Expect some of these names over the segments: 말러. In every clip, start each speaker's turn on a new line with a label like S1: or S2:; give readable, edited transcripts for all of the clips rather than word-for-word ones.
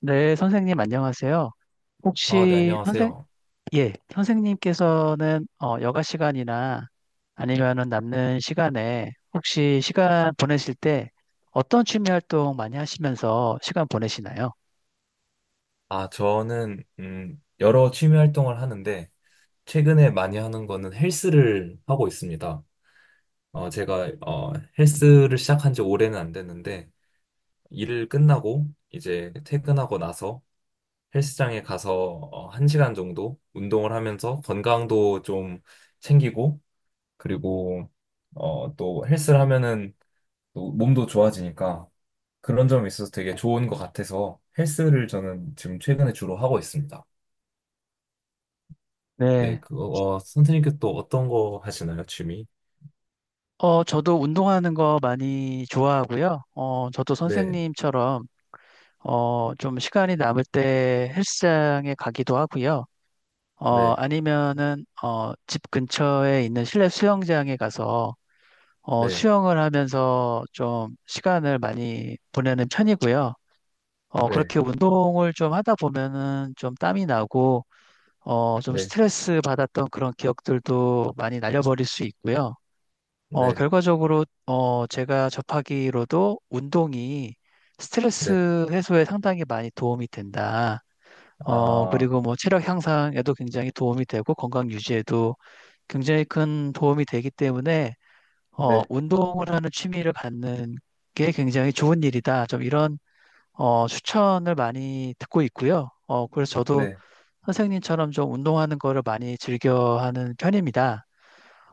S1: 네, 선생님 안녕하세요.
S2: 아, 네,
S1: 혹시 선생,
S2: 안녕하세요.
S1: 예, 선생님께서는 여가 시간이나 아니면은 남는 시간에 혹시 시간 보내실 때 어떤 취미 활동 많이 하시면서 시간 보내시나요?
S2: 아, 저는, 여러 취미 활동을 하는데, 최근에 많이 하는 거는 헬스를 하고 있습니다. 제가, 헬스를 시작한 지 오래는 안 됐는데, 일을 끝나고, 이제 퇴근하고 나서 헬스장에 가서, 한 시간 정도 운동을 하면서 건강도 좀 챙기고, 그리고, 또 헬스를 하면은 또 몸도 좋아지니까, 그런 점이 있어서 되게 좋은 것 같아서 헬스를 저는 지금 최근에 주로 하고 있습니다. 네,
S1: 네.
S2: 그거, 선생님께 또 어떤 거 하시나요, 취미?
S1: 저도 운동하는 거 많이 좋아하고요. 저도
S2: 네,
S1: 선생님처럼 좀 시간이 남을 때 헬스장에 가기도 하고요.
S2: 네,
S1: 아니면은 집 근처에 있는 실내 수영장에 가서
S2: 네,
S1: 수영을 하면서 좀 시간을 많이 보내는 편이고요.
S2: 네,
S1: 그렇게 운동을 좀 하다 보면은 좀 땀이 나고, 좀
S2: 네,
S1: 스트레스 받았던 그런 기억들도 많이 날려버릴 수 있고요.
S2: 네,
S1: 결과적으로, 제가 접하기로도 운동이
S2: 네,
S1: 스트레스 해소에 상당히 많이 도움이 된다.
S2: 아,
S1: 그리고 뭐 체력 향상에도 굉장히 도움이 되고 건강 유지에도 굉장히 큰 도움이 되기 때문에
S2: 네,
S1: 운동을 하는 취미를 갖는 게 굉장히 좋은 일이다. 좀 이런 추천을 많이 듣고 있고요. 그래서 저도
S2: 네,
S1: 선생님처럼 좀 운동하는 거를 많이 즐겨하는 편입니다.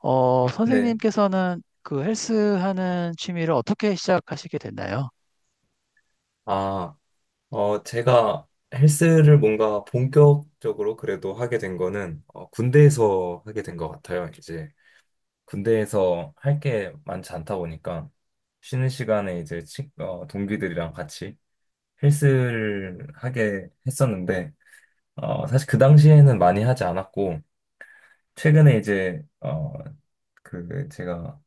S2: 네.
S1: 선생님께서는 그 헬스 하는 취미를 어떻게 시작하시게 됐나요?
S2: 아, 제가 헬스를 뭔가 본격적으로 그래도 하게 된 거는, 군대에서 하게 된 것 같아요, 이제. 군대에서 할 게 많지 않다 보니까, 쉬는 시간에 이제 동기들이랑 같이 헬스를 하게 했었는데, 사실 그 당시에는 많이 하지 않았고, 최근에 이제 어그 그 제가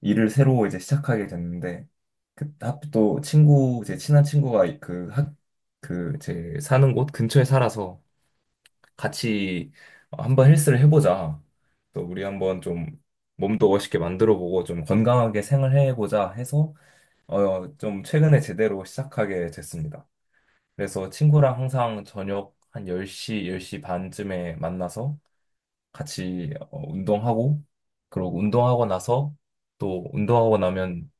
S2: 일을 새로 이제 시작하게 됐는데 그또 친구 제 친한 친구가 그학그제 사는 곳 근처에 살아서 같이 한번 헬스를 해보자 또 우리 한번 좀 몸도 멋있게 만들어보고 좀 건강하게 생활해보자 해서 좀 최근에 제대로 시작하게 됐습니다. 그래서 친구랑 항상 저녁 한 10시, 10시 반쯤에 만나서 같이 운동하고 그리고 운동하고 나서 또 운동하고 나면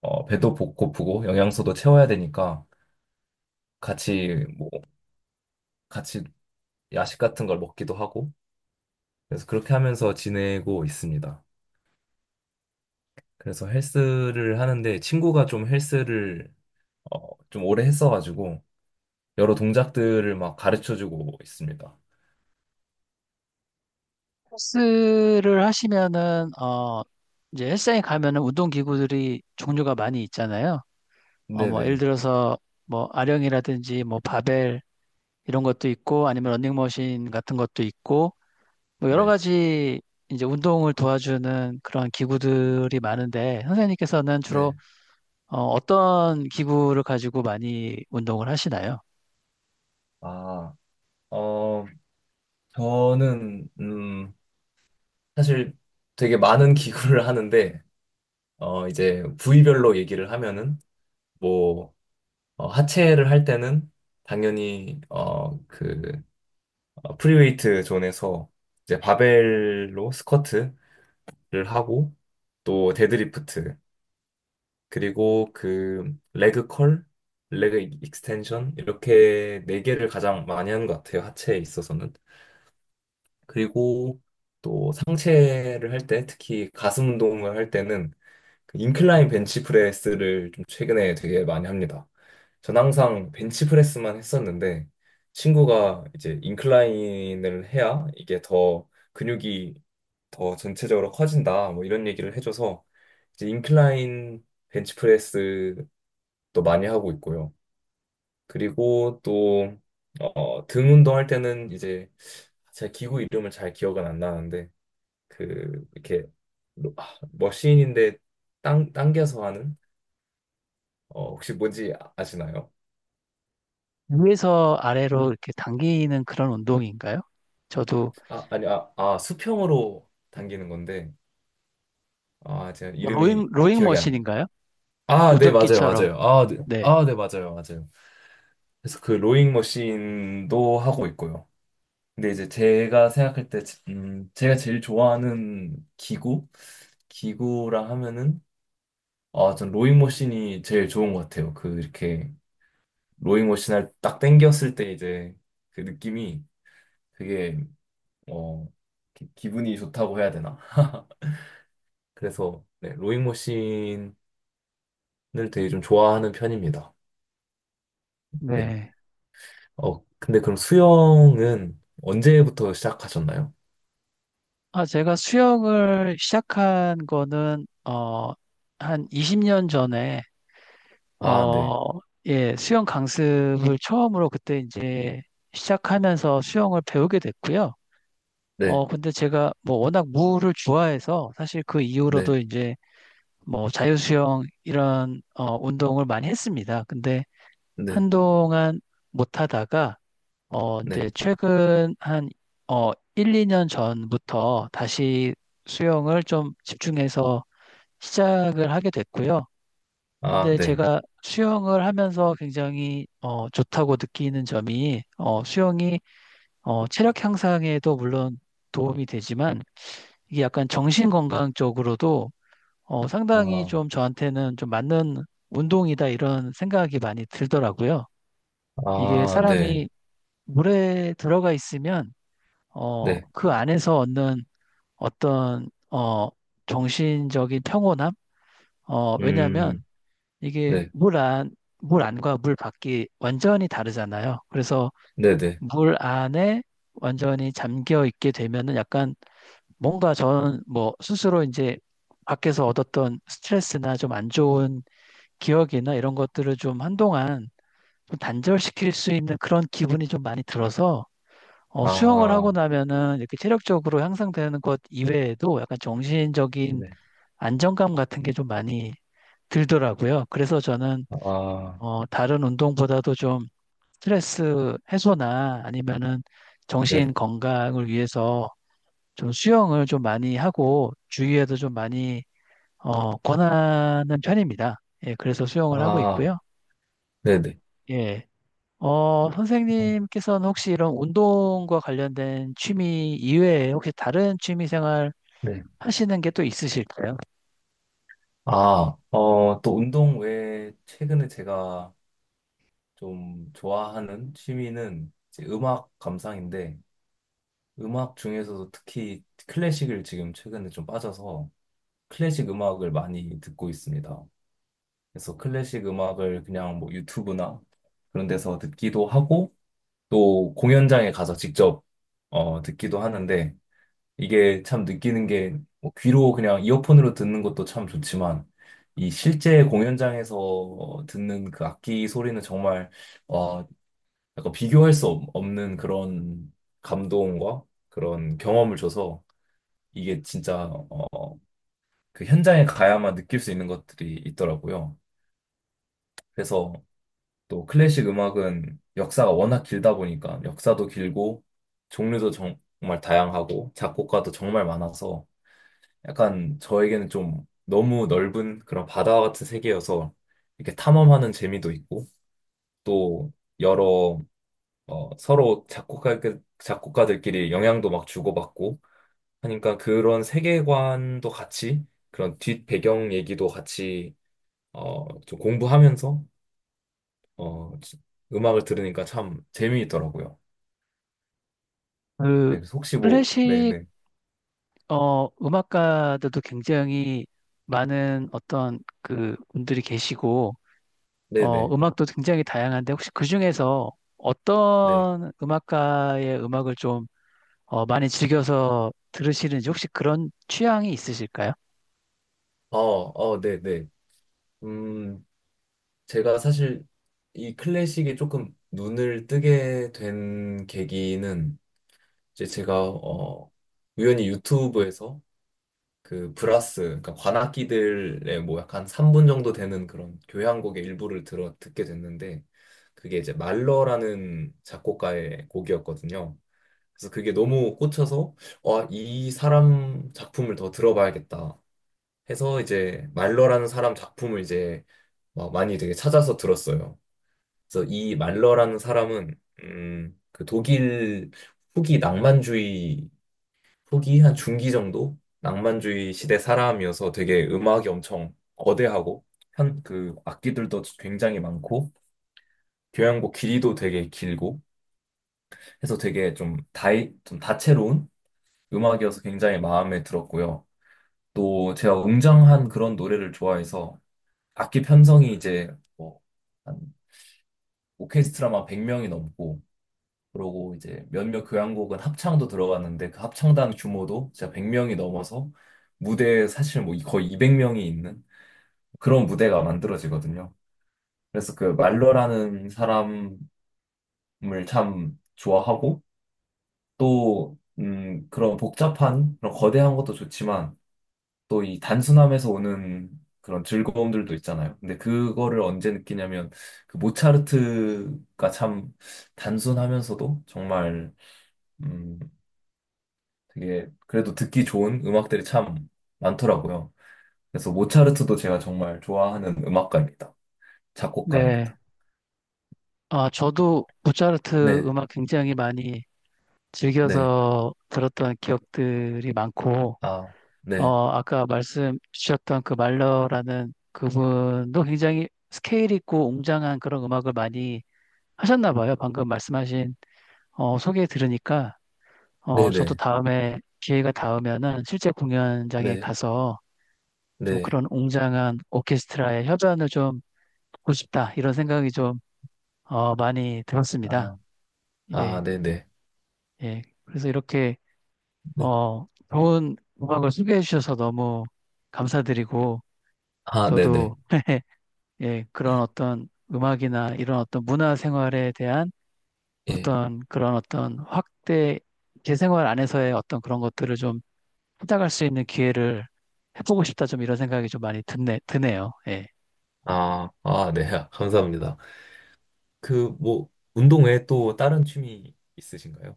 S2: 배도 고프고 영양소도 채워야 되니까 같이 뭐 같이 야식 같은 걸 먹기도 하고 그래서 그렇게 하면서 지내고 있습니다. 그래서 헬스를 하는데 친구가 좀 헬스를 좀 오래 했어가지고 여러 동작들을 막 가르쳐주고 있습니다.
S1: 헬스를 하시면은 이제 헬스장에 가면은 운동 기구들이 종류가 많이 있잖아요. 뭐 예를
S2: 네네
S1: 들어서 뭐 아령이라든지 뭐 바벨 이런 것도 있고 아니면 러닝머신 같은 것도 있고 뭐 여러
S2: 네
S1: 가지 이제 운동을 도와주는 그런 기구들이 많은데 선생님께서는 주로
S2: 네.
S1: 떤 기구를 가지고 많이 운동을 하시나요?
S2: 아, 어, 저는, 사실 되게 많은 기구를 하는데, 이제 부위별로 얘기를 하면은, 뭐, 하체를 할 때는 당연히, 프리웨이트 존에서 이제 바벨로 스쿼트를 하고, 또 데드리프트, 그리고 그, 레그 컬, 레그 익스텐션, 이렇게 네 개를 가장 많이 하는 것 같아요. 하체에 있어서는. 그리고 또 상체를 할 때, 특히 가슴 운동을 할 때는 그 인클라인 벤치프레스를 좀 최근에 되게 많이 합니다. 전 항상 벤치프레스만 했었는데 친구가 이제 인클라인을 해야 이게 더 근육이 더 전체적으로 커진다 뭐 이런 얘기를 해줘서 이제 인클라인 벤치프레스도 많이 하고 있고요. 그리고 또 등 운동할 때는 이제 제 기구 이름을 잘 기억은 안 나는데 그 이렇게 머신인데 당겨서 하는 혹시 뭔지 아시나요?
S1: 위에서 아래로 이렇게 당기는 그런 운동인가요? 저도
S2: 아, 아니, 수평으로 당기는 건데, 아, 제가
S1: 뭐 로잉
S2: 이름이
S1: 로잉
S2: 기억이 안,
S1: 머신인가요?
S2: 아, 네, 맞아요,
S1: 노젓기처럼.
S2: 맞아요. 아, 네,
S1: 네.
S2: 아, 네, 맞아요, 맞아요. 그래서 그 로잉 머신도 하고 있고요. 근데 이제 제가 생각할 때, 제가 제일 좋아하는 기구? 기구라 하면은, 아, 전 로잉 머신이 제일 좋은 것 같아요. 그, 이렇게, 로잉 머신을 딱 당겼을 때 이제 그 느낌이 되게, 어, 기분이 좋다고 해야 되나? 그래서 네, 로잉머신을 되게 좀 좋아하는 편입니다. 네.
S1: 네.
S2: 근데 그럼 수영은 언제부터 시작하셨나요?
S1: 아, 제가 수영을 시작한 거는 한 20년 전에
S2: 아, 네.
S1: 어, 예, 수영 강습을 처음으로 그때 이제 시작하면서 수영을 배우게 됐고요.
S2: 네.
S1: 근데 제가 뭐 워낙 물을 좋아해서 사실 그
S2: 네.
S1: 이후로도 이제 뭐 자유수영 이런 운동을 많이 했습니다. 근데
S2: 네.
S1: 한동안 못 하다가
S2: 네.
S1: 이제 최근 한 1, 2년 전부터 다시 수영을 좀 집중해서 시작을 하게 됐고요.
S2: 아,
S1: 근데
S2: 네.
S1: 제가 수영을 하면서 굉장히 좋다고 느끼는 점이 수영이 체력 향상에도 물론 도움이 되지만 이게 약간 정신 건강 쪽으로도 상당히
S2: 아,
S1: 좀 저한테는 좀 맞는 운동이다 이런 생각이 많이 들더라고요. 이게
S2: 아, 네.
S1: 사람이 물에 들어가 있으면
S2: 네.
S1: 그 안에서 얻는 어떤 정신적인 평온함?
S2: 음,
S1: 왜냐하면 이게
S2: 네.
S1: 물 안, 물 안과 물 밖이 완전히 다르잖아요. 그래서
S2: 네, 네.
S1: 물 안에 완전히 잠겨 있게 되면은 약간 뭔가 전 뭐 스스로 이제 밖에서 얻었던 스트레스나 좀 안 좋은 기억이나 이런 것들을 좀 한동안 좀 단절시킬 수 있는 그런 기분이 좀 많이 들어서 수영을 하고
S2: 아,
S1: 나면은 이렇게 체력적으로 향상되는 것 이외에도 약간 정신적인
S2: 네.
S1: 안정감 같은 게 좀 많이 들더라고요. 그래서 저는
S2: 아,
S1: 다른 운동보다도 좀 스트레스 해소나 아니면은
S2: 네.
S1: 정신 건강을 위해서 좀 수영을 좀 많이 하고 주위에도 좀 많이 권하는 편입니다. 예, 그래서 수영을 하고
S2: 아,
S1: 있고요.
S2: 네, 네.
S1: 예. 선생님께서는 혹시 이런 운동과 관련된 취미 이외에 혹시 다른 취미 생활
S2: 네.
S1: 하시는 게 또 있으실까요?
S2: 아, 또 운동 외에 최근에 제가 좀 좋아하는 취미는 이제 음악 감상인데 음악 중에서도 특히 클래식을 지금 최근에 좀 빠져서 클래식 음악을 많이 듣고 있습니다. 그래서 클래식 음악을 그냥 뭐 유튜브나 그런 데서 듣기도 하고 또 공연장에 가서 직접 듣기도 하는데 이게 참 느끼는 게뭐 귀로 그냥 이어폰으로 듣는 것도 참 좋지만 이 실제 공연장에서 듣는 그 악기 소리는 정말 와, 약간 비교할 수 없는 그런 감동과 그런 경험을 줘서 이게 진짜 어, 그 현장에 가야만 느낄 수 있는 것들이 있더라고요. 그래서 또 클래식 음악은 역사가 워낙 길다 보니까 역사도 길고 종류도 정말 다양하고 작곡가도 정말 많아서 약간 저에게는 좀 너무 넓은 그런 바다와 같은 세계여서 이렇게 탐험하는 재미도 있고 또 여러 서로 작곡가들끼리 영향도 막 주고받고 하니까 그런 세계관도 같이 그런 뒷 배경 얘기도 같이 좀 공부하면서 어, 음악을 들으니까 참 재미있더라고요.
S1: 그
S2: 네, 그래서 혹시 뭐, 네,
S1: 클래식
S2: 네,
S1: 음악가들도 굉장히 많은 어떤 그 분들이 계시고,
S2: 네, 네,
S1: 음악도 굉장히 다양한데 혹시 그 중에서
S2: 네,
S1: 어떤 음악가의 음악을 좀 많이 즐겨서 들으시는지 혹시 그런 취향이 있으실까요?
S2: 네, 네. 음, 제가 사실 이 클래식에 조금 눈을 뜨게 된 계기는 이제 제가 우연히 유튜브에서 그 브라스, 그러니까 관악기들의 뭐 약간 3분 정도 되는 그런 교향곡의 일부를 들어 듣게 됐는데 그게 이제 말러라는 작곡가의 곡이었거든요. 그래서 그게 너무 꽂혀서 와, 이 사람 작품을 더 들어봐야겠다 해서 이제 말러라는 사람 작품을 이제 막 많이 되게 찾아서 들었어요. 그래서 이 말러라는 사람은 그 독일 후기 낭만주의 후기 한 중기 정도 낭만주의 시대 사람이어서 되게 음악이 엄청 거대하고 현 그 악기들도 굉장히 많고 교향곡 길이도 되게 길고 해서 되게 좀 다이 좀 다채로운 음악이어서 굉장히 마음에 들었고요. 또 제가 웅장한 그런 노래를 좋아해서 악기 편성이 이제 뭐 한 오케스트라만 100명이 넘고 그러고 이제 몇몇 교향곡은 합창도 들어갔는데 그 합창단 규모도 진짜 100명이 넘어서 무대에 사실 뭐 거의 200명이 있는 그런 무대가 만들어지거든요. 그래서 그 말러라는 사람을 참 좋아하고 또 그런 복잡한 그런 거대한 것도 좋지만 또 이 단순함에서 오는 그런 즐거움들도 있잖아요. 근데 그거를 언제 느끼냐면 그 모차르트가 참 단순하면서도 정말 음, 되게 그래도 듣기 좋은 음악들이 참 많더라고요. 그래서 모차르트도 제가 정말 좋아하는 음악가입니다.
S1: 네.
S2: 작곡가입니다.
S1: 아, 저도 모차르트
S2: 네,
S1: 음악 굉장히 많이
S2: 네,
S1: 즐겨서 들었던 기억들이 많고,
S2: 아, 네,
S1: 아까 말씀 주셨던 그 말러라는 그분도 굉장히 스케일 있고 웅장한 그런 음악을 많이 하셨나 봐요. 방금 말씀하신 소개 들으니까
S2: 네,
S1: 저도
S2: 네,
S1: 다음에 기회가 닿으면은 실제 공연장에
S2: 네,
S1: 가서 좀
S2: 네,
S1: 그런 웅장한 오케스트라의 협연을 좀 보고 싶다 이런 생각이 좀 많이 들었습니다.
S2: 아, 아,
S1: 예,
S2: 네, 네,
S1: 예. 그래서 이렇게
S2: 네,
S1: 좋은 음악을 소개해 주셔서 너무 감사드리고
S2: 아, 네, 네,
S1: 저도 예, 그런 어떤 음악이나 이런 어떤 문화 생활에 대한
S2: 예,
S1: 어떤 그런 어떤 확대, 제 생활 안에서의 어떤 그런 것들을 좀 찾아갈 수 있는 기회를 해보고 싶다, 좀 이런 생각이 좀 많이 드네요. 예.
S2: 아, 아, 네, 아, 감사합니다. 그 뭐 운동 외에 또 다른 취미 있으신가요?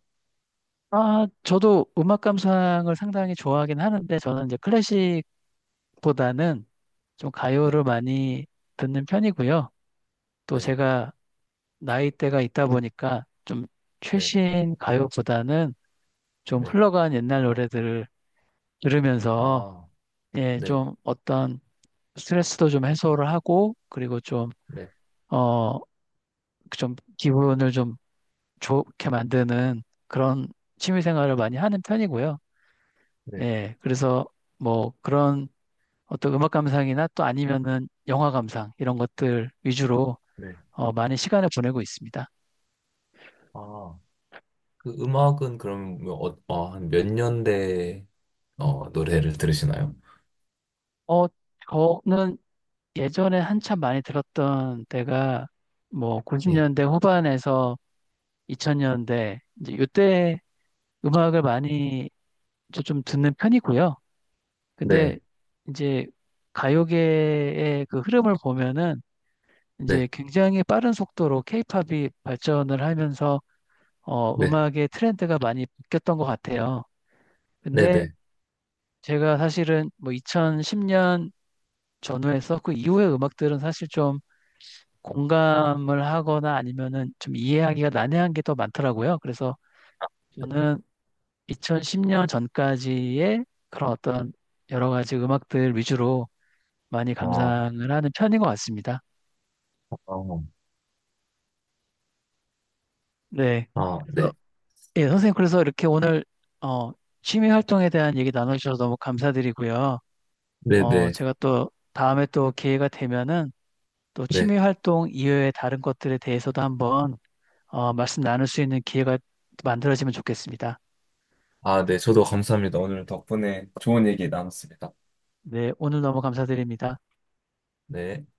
S1: 아, 저도 음악 감상을 상당히 좋아하긴 하는데, 저는 이제 클래식보다는 좀
S2: 네,
S1: 가요를 많이 듣는 편이고요. 또
S2: 네,
S1: 제가 나이대가 있다 보니까 좀
S2: 네,
S1: 최신 가요보다는 좀
S2: 네,
S1: 흘러간 옛날 노래들을 들으면서
S2: 아,
S1: 예,
S2: 네,
S1: 좀 어떤 스트레스도 좀 해소를 하고, 그리고 좀,
S2: 네,
S1: 어, 좀 기분을 좀 좋게 만드는 그런 취미 생활을 많이 하는 편이고요.
S2: 네,
S1: 예, 그래서 뭐 그런 어떤 음악 감상이나 또 아니면은 영화 감상 이런 것들 위주로
S2: 네,
S1: 많이 시간을 보내고 있습니다.
S2: 아, 그 음악은 그럼 뭐, 아, 한몇 년대 노래를 들으시나요?
S1: 어, 저는 예전에 한참 많이 들었던 때가 뭐
S2: 예.
S1: 90년대 후반에서 2000년대 이제 이때 음악을 많이 저 좀 듣는 편이고요. 근데
S2: 네,
S1: 이제 가요계의 그 흐름을 보면은
S2: 네,
S1: 이제 굉장히 빠른 속도로 케이팝이 발전을 하면서
S2: 네,
S1: 음악의 트렌드가 많이 바뀌었던 것 같아요.
S2: 네,
S1: 근데
S2: 네.
S1: 제가 사실은 뭐 2010년 전후에서 그 이후의 음악들은 사실 좀 공감을 하거나 아니면은 좀 이해하기가 난해한 게 더 많더라고요. 그래서 저는 2010년 전까지의 그런 어떤 여러 가지 음악들 위주로 많이
S2: 아,
S1: 감상을 하는 편인 것 같습니다.
S2: 어,
S1: 네.
S2: 아,
S1: 그래서
S2: 네,
S1: 예, 선생님 그래서 이렇게 오늘 어, 취미 활동에 대한 얘기 나눠주셔서 너무 감사드리고요.
S2: 네, 네,
S1: 제가 또 다음에 또 기회가 되면은 또 취미
S2: 네.
S1: 활동 이외의 다른 것들에 대해서도 한번 말씀 나눌 수 있는 기회가 만들어지면 좋겠습니다.
S2: 아, 네, 저도 감사합니다. 오늘 덕분에 좋은 얘기 나눴습니다.
S1: 네, 오늘 너무 감사드립니다.
S2: 네.